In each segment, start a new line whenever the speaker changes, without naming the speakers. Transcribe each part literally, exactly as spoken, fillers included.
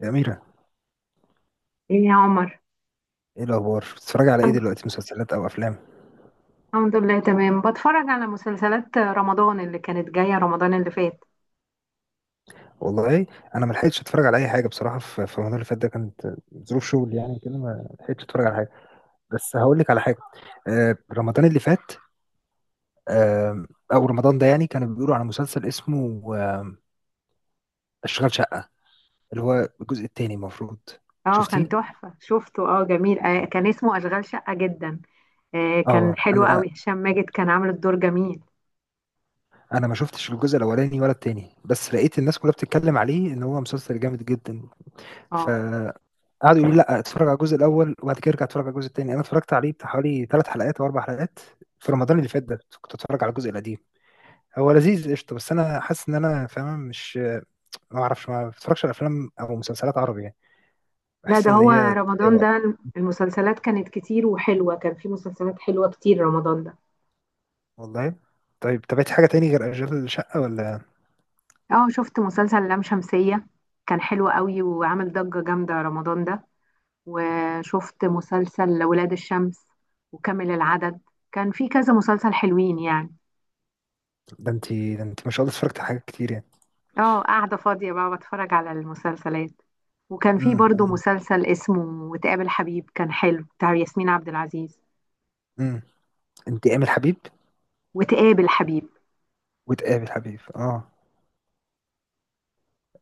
يا أميرة،
ايه يا عمر.
ايه الأخبار؟ بتتفرج على ايه
الحمد
دلوقتي، مسلسلات أو أفلام؟
الحمد لله تمام، بتفرج على مسلسلات رمضان اللي كانت جاية رمضان اللي فات.
والله أنا ما لحقتش أتفرج على أي حاجة بصراحة، في في رمضان اللي فات ده كانت ظروف شغل، يعني كده ما لحقتش أتفرج على حاجة. بس هقول لك على حاجة. آه رمضان اللي فات، آه، أو رمضان ده، يعني كانوا بيقولوا على مسلسل اسمه آه، أشغال شقة، اللي هو الجزء التاني المفروض.
اه
شفتيه؟
كان تحفة، شفته، اه جميل، آه كان اسمه أشغال شقة جدا. آه كان
اه
حلو
انا
قوي، هشام ماجد كان عامل الدور جميل.
انا ما شفتش الجزء الاولاني ولا التاني، بس لقيت الناس كلها بتتكلم عليه ان هو مسلسل جامد جدا. ف
اه.
قعدوا يقولوا لي لا اتفرج على الجزء الاول وبعد كده ارجع اتفرج على الجزء الثاني. انا اتفرجت عليه بتاع حوالي ثلاث حلقات او اربع حلقات في رمضان اللي فات ده، كنت اتفرج على الجزء القديم. هو لذيذ قشطه، بس انا حاسس ان انا فاهم، مش ما اعرفش، ما بتفرجش على افلام او مسلسلات عربي يعني،
لا
بحس
ده
ان
هو
هي تضييع
رمضان
وقت.
ده المسلسلات كانت كتير وحلوة، كان في مسلسلات حلوة كتير رمضان ده.
والله. طيب تابعتي حاجه تاني غير اشغال الشقه ولا؟
اه شفت مسلسل لام شمسية، كان حلو قوي وعامل ضجة جامدة رمضان ده. وشفت مسلسل ولاد الشمس وكامل العدد، كان في كذا مسلسل حلوين يعني.
ده انت، ده انت ما شاء الله اتفرجت على حاجات كتير يعني.
اه قاعدة فاضية بقى بتفرج على المسلسلات. وكان في
امم
برضو
امم
مسلسل اسمه وتقابل حبيب، كان حلو، بتاع ياسمين عبد العزيز.
امم انت امل حبيب؟
وتقابل حبيب.
وتقابل حبيب، اه.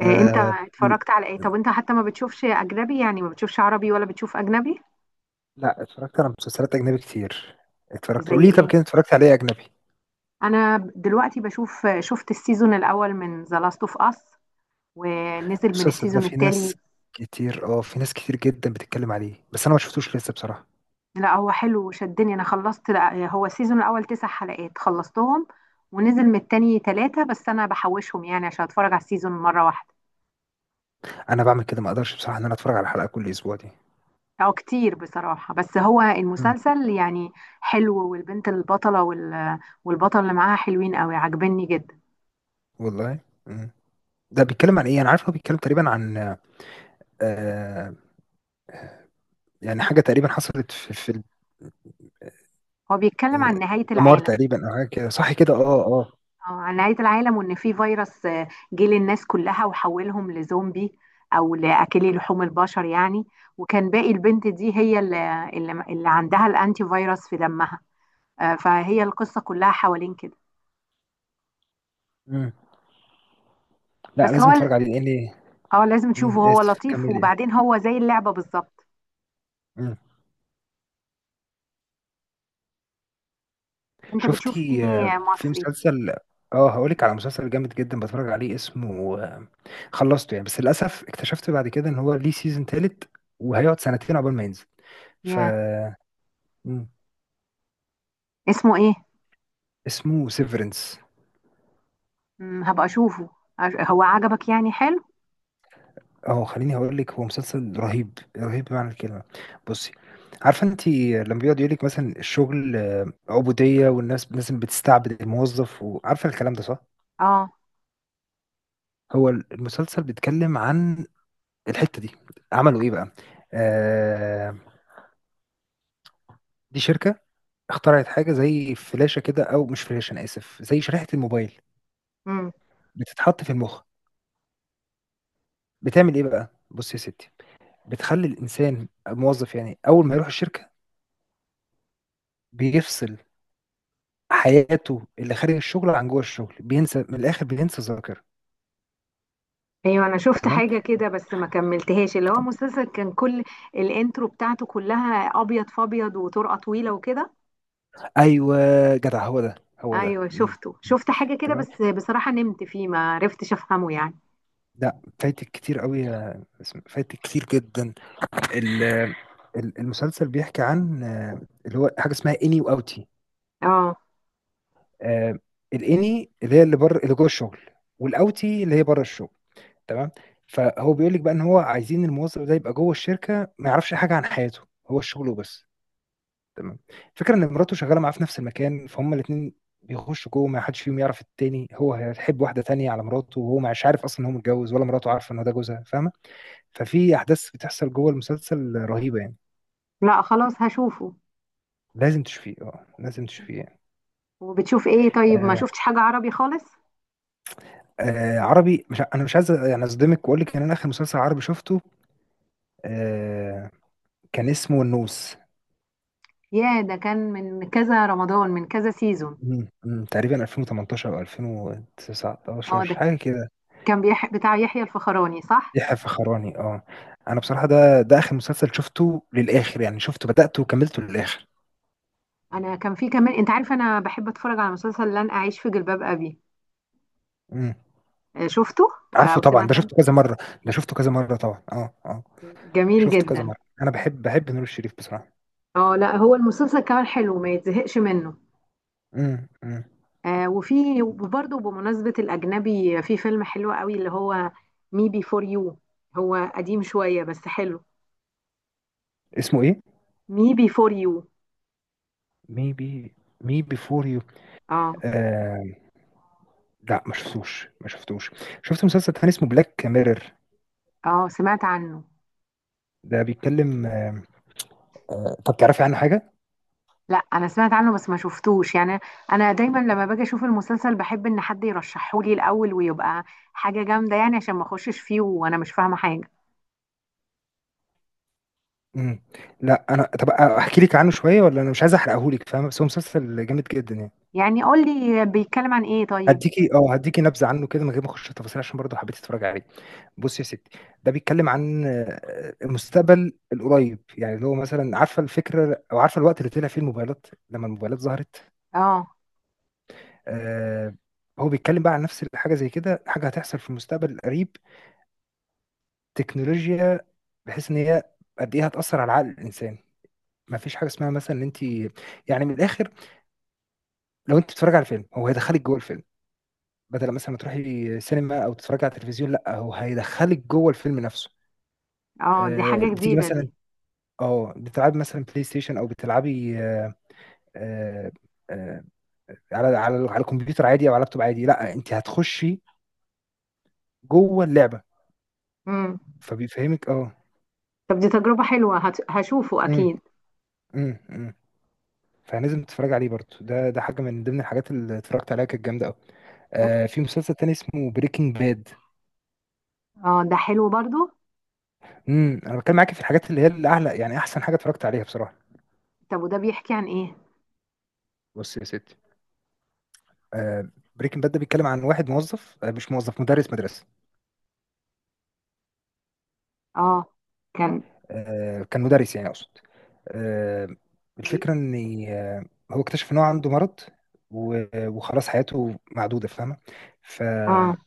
آه انت
آه،
اتفرجت على ايه؟ طب انت حتى ما بتشوفش اجنبي يعني، ما بتشوفش عربي ولا بتشوف اجنبي؟
لا، اتفرجت على مسلسلات اجنبي كتير. اتفرجت،
زي
قولي لي طب
ايه؟
كده اتفرجت على ايه اجنبي؟
انا دلوقتي بشوف، شفت السيزون الاول من ذا لاست اوف اس ونزل من
المسلسل ده
السيزون
في
التالي.
ناس كتير، اه في ناس كتير جدا بتتكلم عليه، بس انا ما شفتوش لسه بصراحه.
لا هو حلو وشدني، انا خلصت، لا هو السيزون الاول تسع حلقات خلصتهم، ونزل من التاني تلاتة بس انا بحوشهم يعني عشان اتفرج على السيزون مرة واحدة.
انا بعمل كده، ما اقدرش بصراحه ان انا اتفرج على حلقه كل اسبوع دي.
او كتير بصراحة، بس هو
مم.
المسلسل يعني حلو، والبنت البطلة وال... والبطل اللي معاها حلوين قوي، عاجبني جدا.
والله. مم. ده بيتكلم عن ايه؟ انا عارف هو بيتكلم تقريبا عن، آه، يعني حاجه تقريبا حصلت في في ال-،
هو بيتكلم
آه،
عن نهاية
دمار
العالم.
تقريبا او حاجه كده، صح كده، اه اه.
اه عن نهاية العالم، وان في فيروس آه، جه للناس كلها وحولهم لزومبي او لاكلي لحوم البشر يعني. وكان باقي البنت دي هي اللي, اللي اللي عندها الانتي فيروس في دمها، آه، فهي القصة كلها حوالين كده.
مم. لا
بس
لازم
هو ال-
اتفرج عليه، لان إيه؟
اه لازم تشوفه،
مم،
هو
اسف
لطيف،
كملي يعني.
وبعدين هو زي اللعبة بالظبط.
مم.
انت بتشوف
شفتي، آه،
ايه
في
مصري؟
مسلسل، اه هقولك على مسلسل جامد جدا بتفرج عليه، اسمه آه، خلصته يعني، بس للاسف اكتشفت بعد كده ان هو ليه سيزون تالت، وهيقعد سنتين عقبال ما ينزل. ف
ياه.
مم.
اسمه ايه؟
اسمه سيفرنس.
مم، هبقى اشوفه. أش- هو عجبك يعني، حلو؟
اهو خليني هقول لك، هو مسلسل رهيب، رهيب بمعنى الكلمه. بصي، عارفه انت لما بيقعد يقول لك مثلا الشغل آه، عبوديه والناس لازم بتستعبد الموظف، وعارفه الكلام ده صح.
اه.
هو المسلسل بيتكلم عن الحته دي. عملوا ايه بقى؟ آه، دي شركه اخترعت حاجه زي فلاشه كده، او مش فلاشه، انا اسف، زي شريحه الموبايل،
امم.
بتتحط في المخ. بتعمل إيه بقى؟ بُصّي يا ستّي، بتخلّي الإنسان الموظف يعني أول ما يروح الشركة بيفصل حياته اللي خارج الشغل عن جوّه الشغل، بينسى من الآخر، بينسى الذاكرة.
ايوه انا شفت
تمام،
حاجة كده بس ما كملتهاش، اللي هو مسلسل كان كل الانترو بتاعته كلها ابيض فابيض وطرقة طويلة وكده.
أيوه، جدع، هو ده، هو ده،
ايوه
إمم،
شفته،
إمم،
شفت حاجة كده
تمام.
بس بصراحة نمت فيه ما عرفتش افهمه يعني.
لأ فايتِك كتير أوي يا ياسمين، فايتِك كتير جدًا. ال ال المسلسل بيحكي عن، آه، اللي هو حاجة اسمها إني وأوتي.
اه.
آآ الإني اللي هي اللي برّه، اللي جوّه الشغل، والأوتي اللي هي برّه الشغل. تمام. فهو بيقول لك بقى ان هو عايزين الموظف ده يبقى جوه الشركه ما يعرفش حاجه عن حياته، هو الشغل وبس. تمام. الفكره ان مراته شغاله معاه في نفس المكان، فهم الاثنين بيخشوا جوه ما حدش فيهم يعرف التاني. هو هيحب واحده تانية على مراته، وهو مش عارف اصلا ان هو متجوز، ولا مراته عارفه ان هو ده جوزها، فاهمه؟ ففي احداث بتحصل جوه المسلسل رهيبه يعني.
لا خلاص هشوفه.
لازم تشوفيه، اه لازم تشوفيه يعني.
وبتشوف ايه طيب؟ ما
آه
شفتش حاجة عربي خالص؟
آه عربي، مش ع- انا مش عايز يعني اصدمك واقول لك ان انا اخر مسلسل عربي شفته، آه كان اسمه النوس.
يا ده كان من كذا رمضان، من كذا سيزون.
امم، امم، تقريبا ألفين وتمنتاشر او ألفين وتسعتاشر
اه ده
حاجه كده.
كان بيح... بتاع يحيى الفخراني، صح؟
يحيى الفخراني، اه. انا
آه.
بصراحه ده ده اخر مسلسل شفته للاخر يعني، شفته، بدأته وكملته للاخر.
انا كان في كمان، انت عارف انا بحب اتفرج على مسلسل لن اعيش في جلباب ابي.
امم.
آه، شفته
عارفه
او
طبعا، ده
سمعت عنه؟
شفته كذا مره، ده شفته كذا مره طبعا، اه اه،
جميل
شفته كذا
جدا.
مره. انا بحب بحب نور الشريف بصراحه.
اه لا هو المسلسل كمان حلو، ما يتزهقش منه.
امم امم
آه وفي، وبرضه بمناسبة الأجنبي، في فيلم حلو قوي اللي هو مي بي فور يو، هو قديم شوية بس حلو.
اسمه ايه؟
مي بي فور يو.
ميبي، مي بيفور يو.
اه.
آه، لا ما شفتوش، ما شفتوش. شفت مسلسل تاني اسمه بلاك ميرور،
اه سمعت عنه.
ده بيتكلم، آه آه، طب تعرفي عنه حاجه؟
لا انا سمعت عنه بس ما شفتوش يعني. انا دايما لما باجي اشوف المسلسل بحب ان حد يرشحه لي الاول، ويبقى حاجه جامده يعني، عشان ما اخشش فيه وانا مش فاهمه حاجه.
إمم. لأ أنا، طَب أ أحكي لِك عنه شوية، والّا أنا مش عايز أحرقه لِك فاهمة؟ بس هو مسلسل جامد جدًا يعني.
يعني قول لي بيتكلم عن ايه طيب.
هادّيكِ آه، هادّيكِ نبذة عنه كده من غير ما أخُش في التفاصيل، عشان برضه حبيتِ تتفرّجي عليه. بُصّي يا ستّي، ده بيتكلّم عن، آه، المستقبل القريّب، يعني اللي هو مثلًا، عارفة الفكرة أو عارفة الوقت اللي طلع فيه الموبايلات لمّا الموبايلات ظهرت؟
اه.
آآ هو بيتكلّم بقى عن نفس الحاجة زي كده، حاجة هتحصل في المستقبل القريب، تكنولوجيا، بحيث إن هي قد إيه هتأثّر على عقل الإنسان. ما فيش حاجة اسمها مثلًا إن أنتِ، يعني من الآخِر، لو انت بتتفرج على فيلم هو هيدخلك جوه الفيلم، بدل مثلا ما تروحي سينما او تتفرج على التلفزيون، لا هو هيدخلك جوه الفيلم نفسه.
اه دي
آه،
حاجه
بتيجي
جديده دي.
مثلا، اه بتلعبي مثلا بلاي ستيشن، او بتلعبي آه آه آه على على على الكمبيوتر عادي، او على لابتوب عادي، لا انت هتخشي جوه اللعبه.
امم.
فبيفهمك اه.
طب دي تجربه حلوه، هت... هشوفه
امم
اكيد.
امم امم فلازم تتفرج عليه برضه ده، ده حاجه من ضمن الحاجات اللي اتفرجت عليها كانت جامده قوي. آه في مسلسل تاني اسمه بريكنج باد.
اه ده حلو برضو.
امم، انا بتكلم معاك في الحاجات اللي هي الاعلى، يعني احسن حاجه اتفرجت عليها بصراحه.
طب وده بيحكي عن ايه؟
بص يا ستي، بريكنج باد ده بيتكلم عن واحد موظف، آه، مش موظف، مدرس، مدرسة،
اه. كان.
آه، كان مدرس يعني أقصد. آه، الفكرة إن، آه، هو اكتشف إن هو عنده مرض، و- وخلاص حياته معدودة، فاهمة؟ فجرب
اه.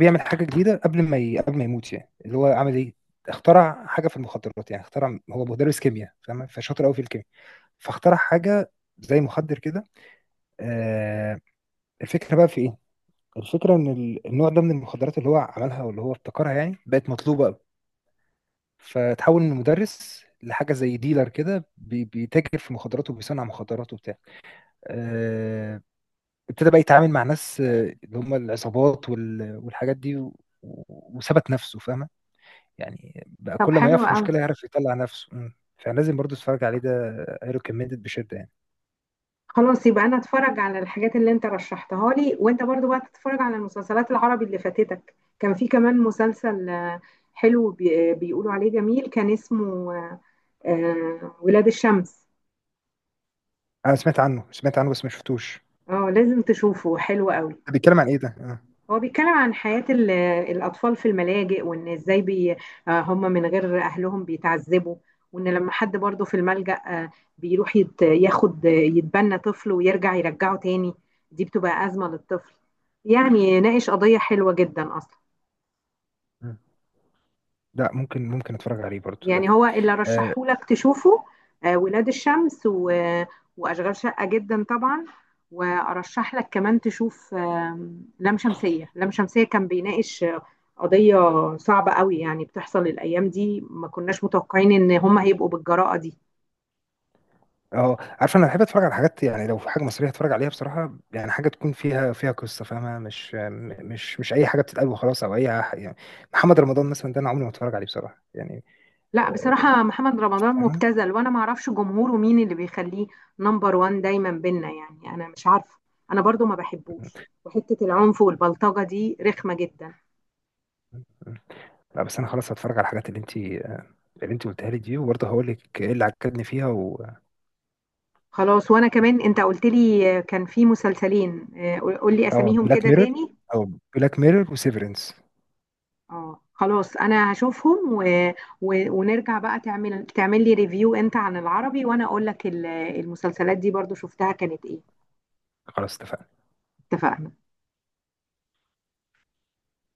يعمل حاجة جديدة قبل ما ي... قبل ما يموت يعني. اللي هو عمل إيه؟ اخترع حاجة في المخدرات يعني، اخترع، هو مدرس كيمياء فاهمة، فشاطر قوي في الكيمياء، فاخترع حاجة زي مخدر كده. آه، الفكرة بقى في إيه؟ الفكرة إن ال- النوع ده من المخدرات اللي هو عملها واللي هو ابتكرها يعني، بقت مطلوبة أوي، فتحول من مدرس لحاجة زي ديلر كده، بي- بيتاجر في مخدرات وبيصنع مخدرات وبتاع، آه، ابتدى بقى يتعامل مع ناس، آه، اللي هم العصابات وال- والحاجات دي و- وثبت نفسه فاهمة، يعني بقى
طب
كل ما يقف
حلو
في
قوي.
مشكلة يعرف يطلع نفسه. مم. فلازم برضه تتفرج عليه ده، اي ريكومندد بشدة يعني.
خلاص يبقى انا اتفرج على الحاجات اللي انت رشحتها لي، وانت برضو بقى تتفرج على المسلسلات العربي اللي فاتتك. كان في كمان مسلسل، آه، حلو، بي- آه، بيقولوا عليه جميل، كان اسمه آه، آه، ولاد الشمس.
أنا سمعت عنه، سمعت عنه بس ما شفتوش.
اه لازم تشوفه، حلو قوي.
ده بيتكلم عن إيه ده؟ آه.
هو بيتكلم عن حياة ال- الأطفال في الملاجئ، وإن إزاي بي آه، هم من غير أهلهم بيتعذبوا، وإن لما حد برضه في الملجأ آه، بيروح يت- ياخد يتبنى طفل ويرجع يرجعه تاني، دي بتبقى أزمة للطفل، يعني ناقش قضية حلوة جدا أصلا.
مم. لا ممكن، ممكن اتفرج عليه برضه ده.
يعني هو اللي
آه،
رشحهولك تشوفه، آه، ولاد الشمس، و... وأشغال شقة جدا طبعا. وأرشح لك كمان تشوف آم، لام شمسية، لام شمسية كان بيناقش آه، قضية صعبة قوي، يعني بتحصل الأيام دي، ما كناش متوقعين إن هما هيبقوا بالجراءة دي.
اه عارف انا بحب اتفرج على حاجات يعني، لو في حاجه مصريه اتفرج عليها بصراحه، يعني حاجه تكون فيها، فيها قصه فاهمه، مش م- مش مش اي حاجه بتتقال وخلاص، او اي ح- يعني، محمد رمضان مثلا ده انا عمري ما اتفرج عليه بصراحه يعني.
لا
آه،
بصراحة محمد رمضان
فاهمه.
مبتذل، وأنا ما أعرفش جمهوره مين اللي بيخليه نمبر وان دايما بينا، يعني أنا مش عارفة. أنا برضو ما بحبوش،
م-
وحتة العنف والبلطجة دي رخمة جدا.
م. لا بس انا خلاص هتفرج على الحاجات اللي انت اللي انت قلتها لي دي، وبرضه هقول لك ايه اللي عجبني فيها و...
خلاص. وانا كمان انت قلت لي كان في مسلسلين، آه، قول لي
اه
اساميهم
بلاك
كده
ميرور،
تاني.
او بلاك ميرور وسيفرنس.
اه خلاص انا هشوفهم، و... و... ونرجع بقى تعمل، تعمل لي ريفيو انت عن العربي، وانا اقول لك ال- المسلسلات دي برضو شفتها كانت ايه.
خلاص اتفقنا.
اتفقنا.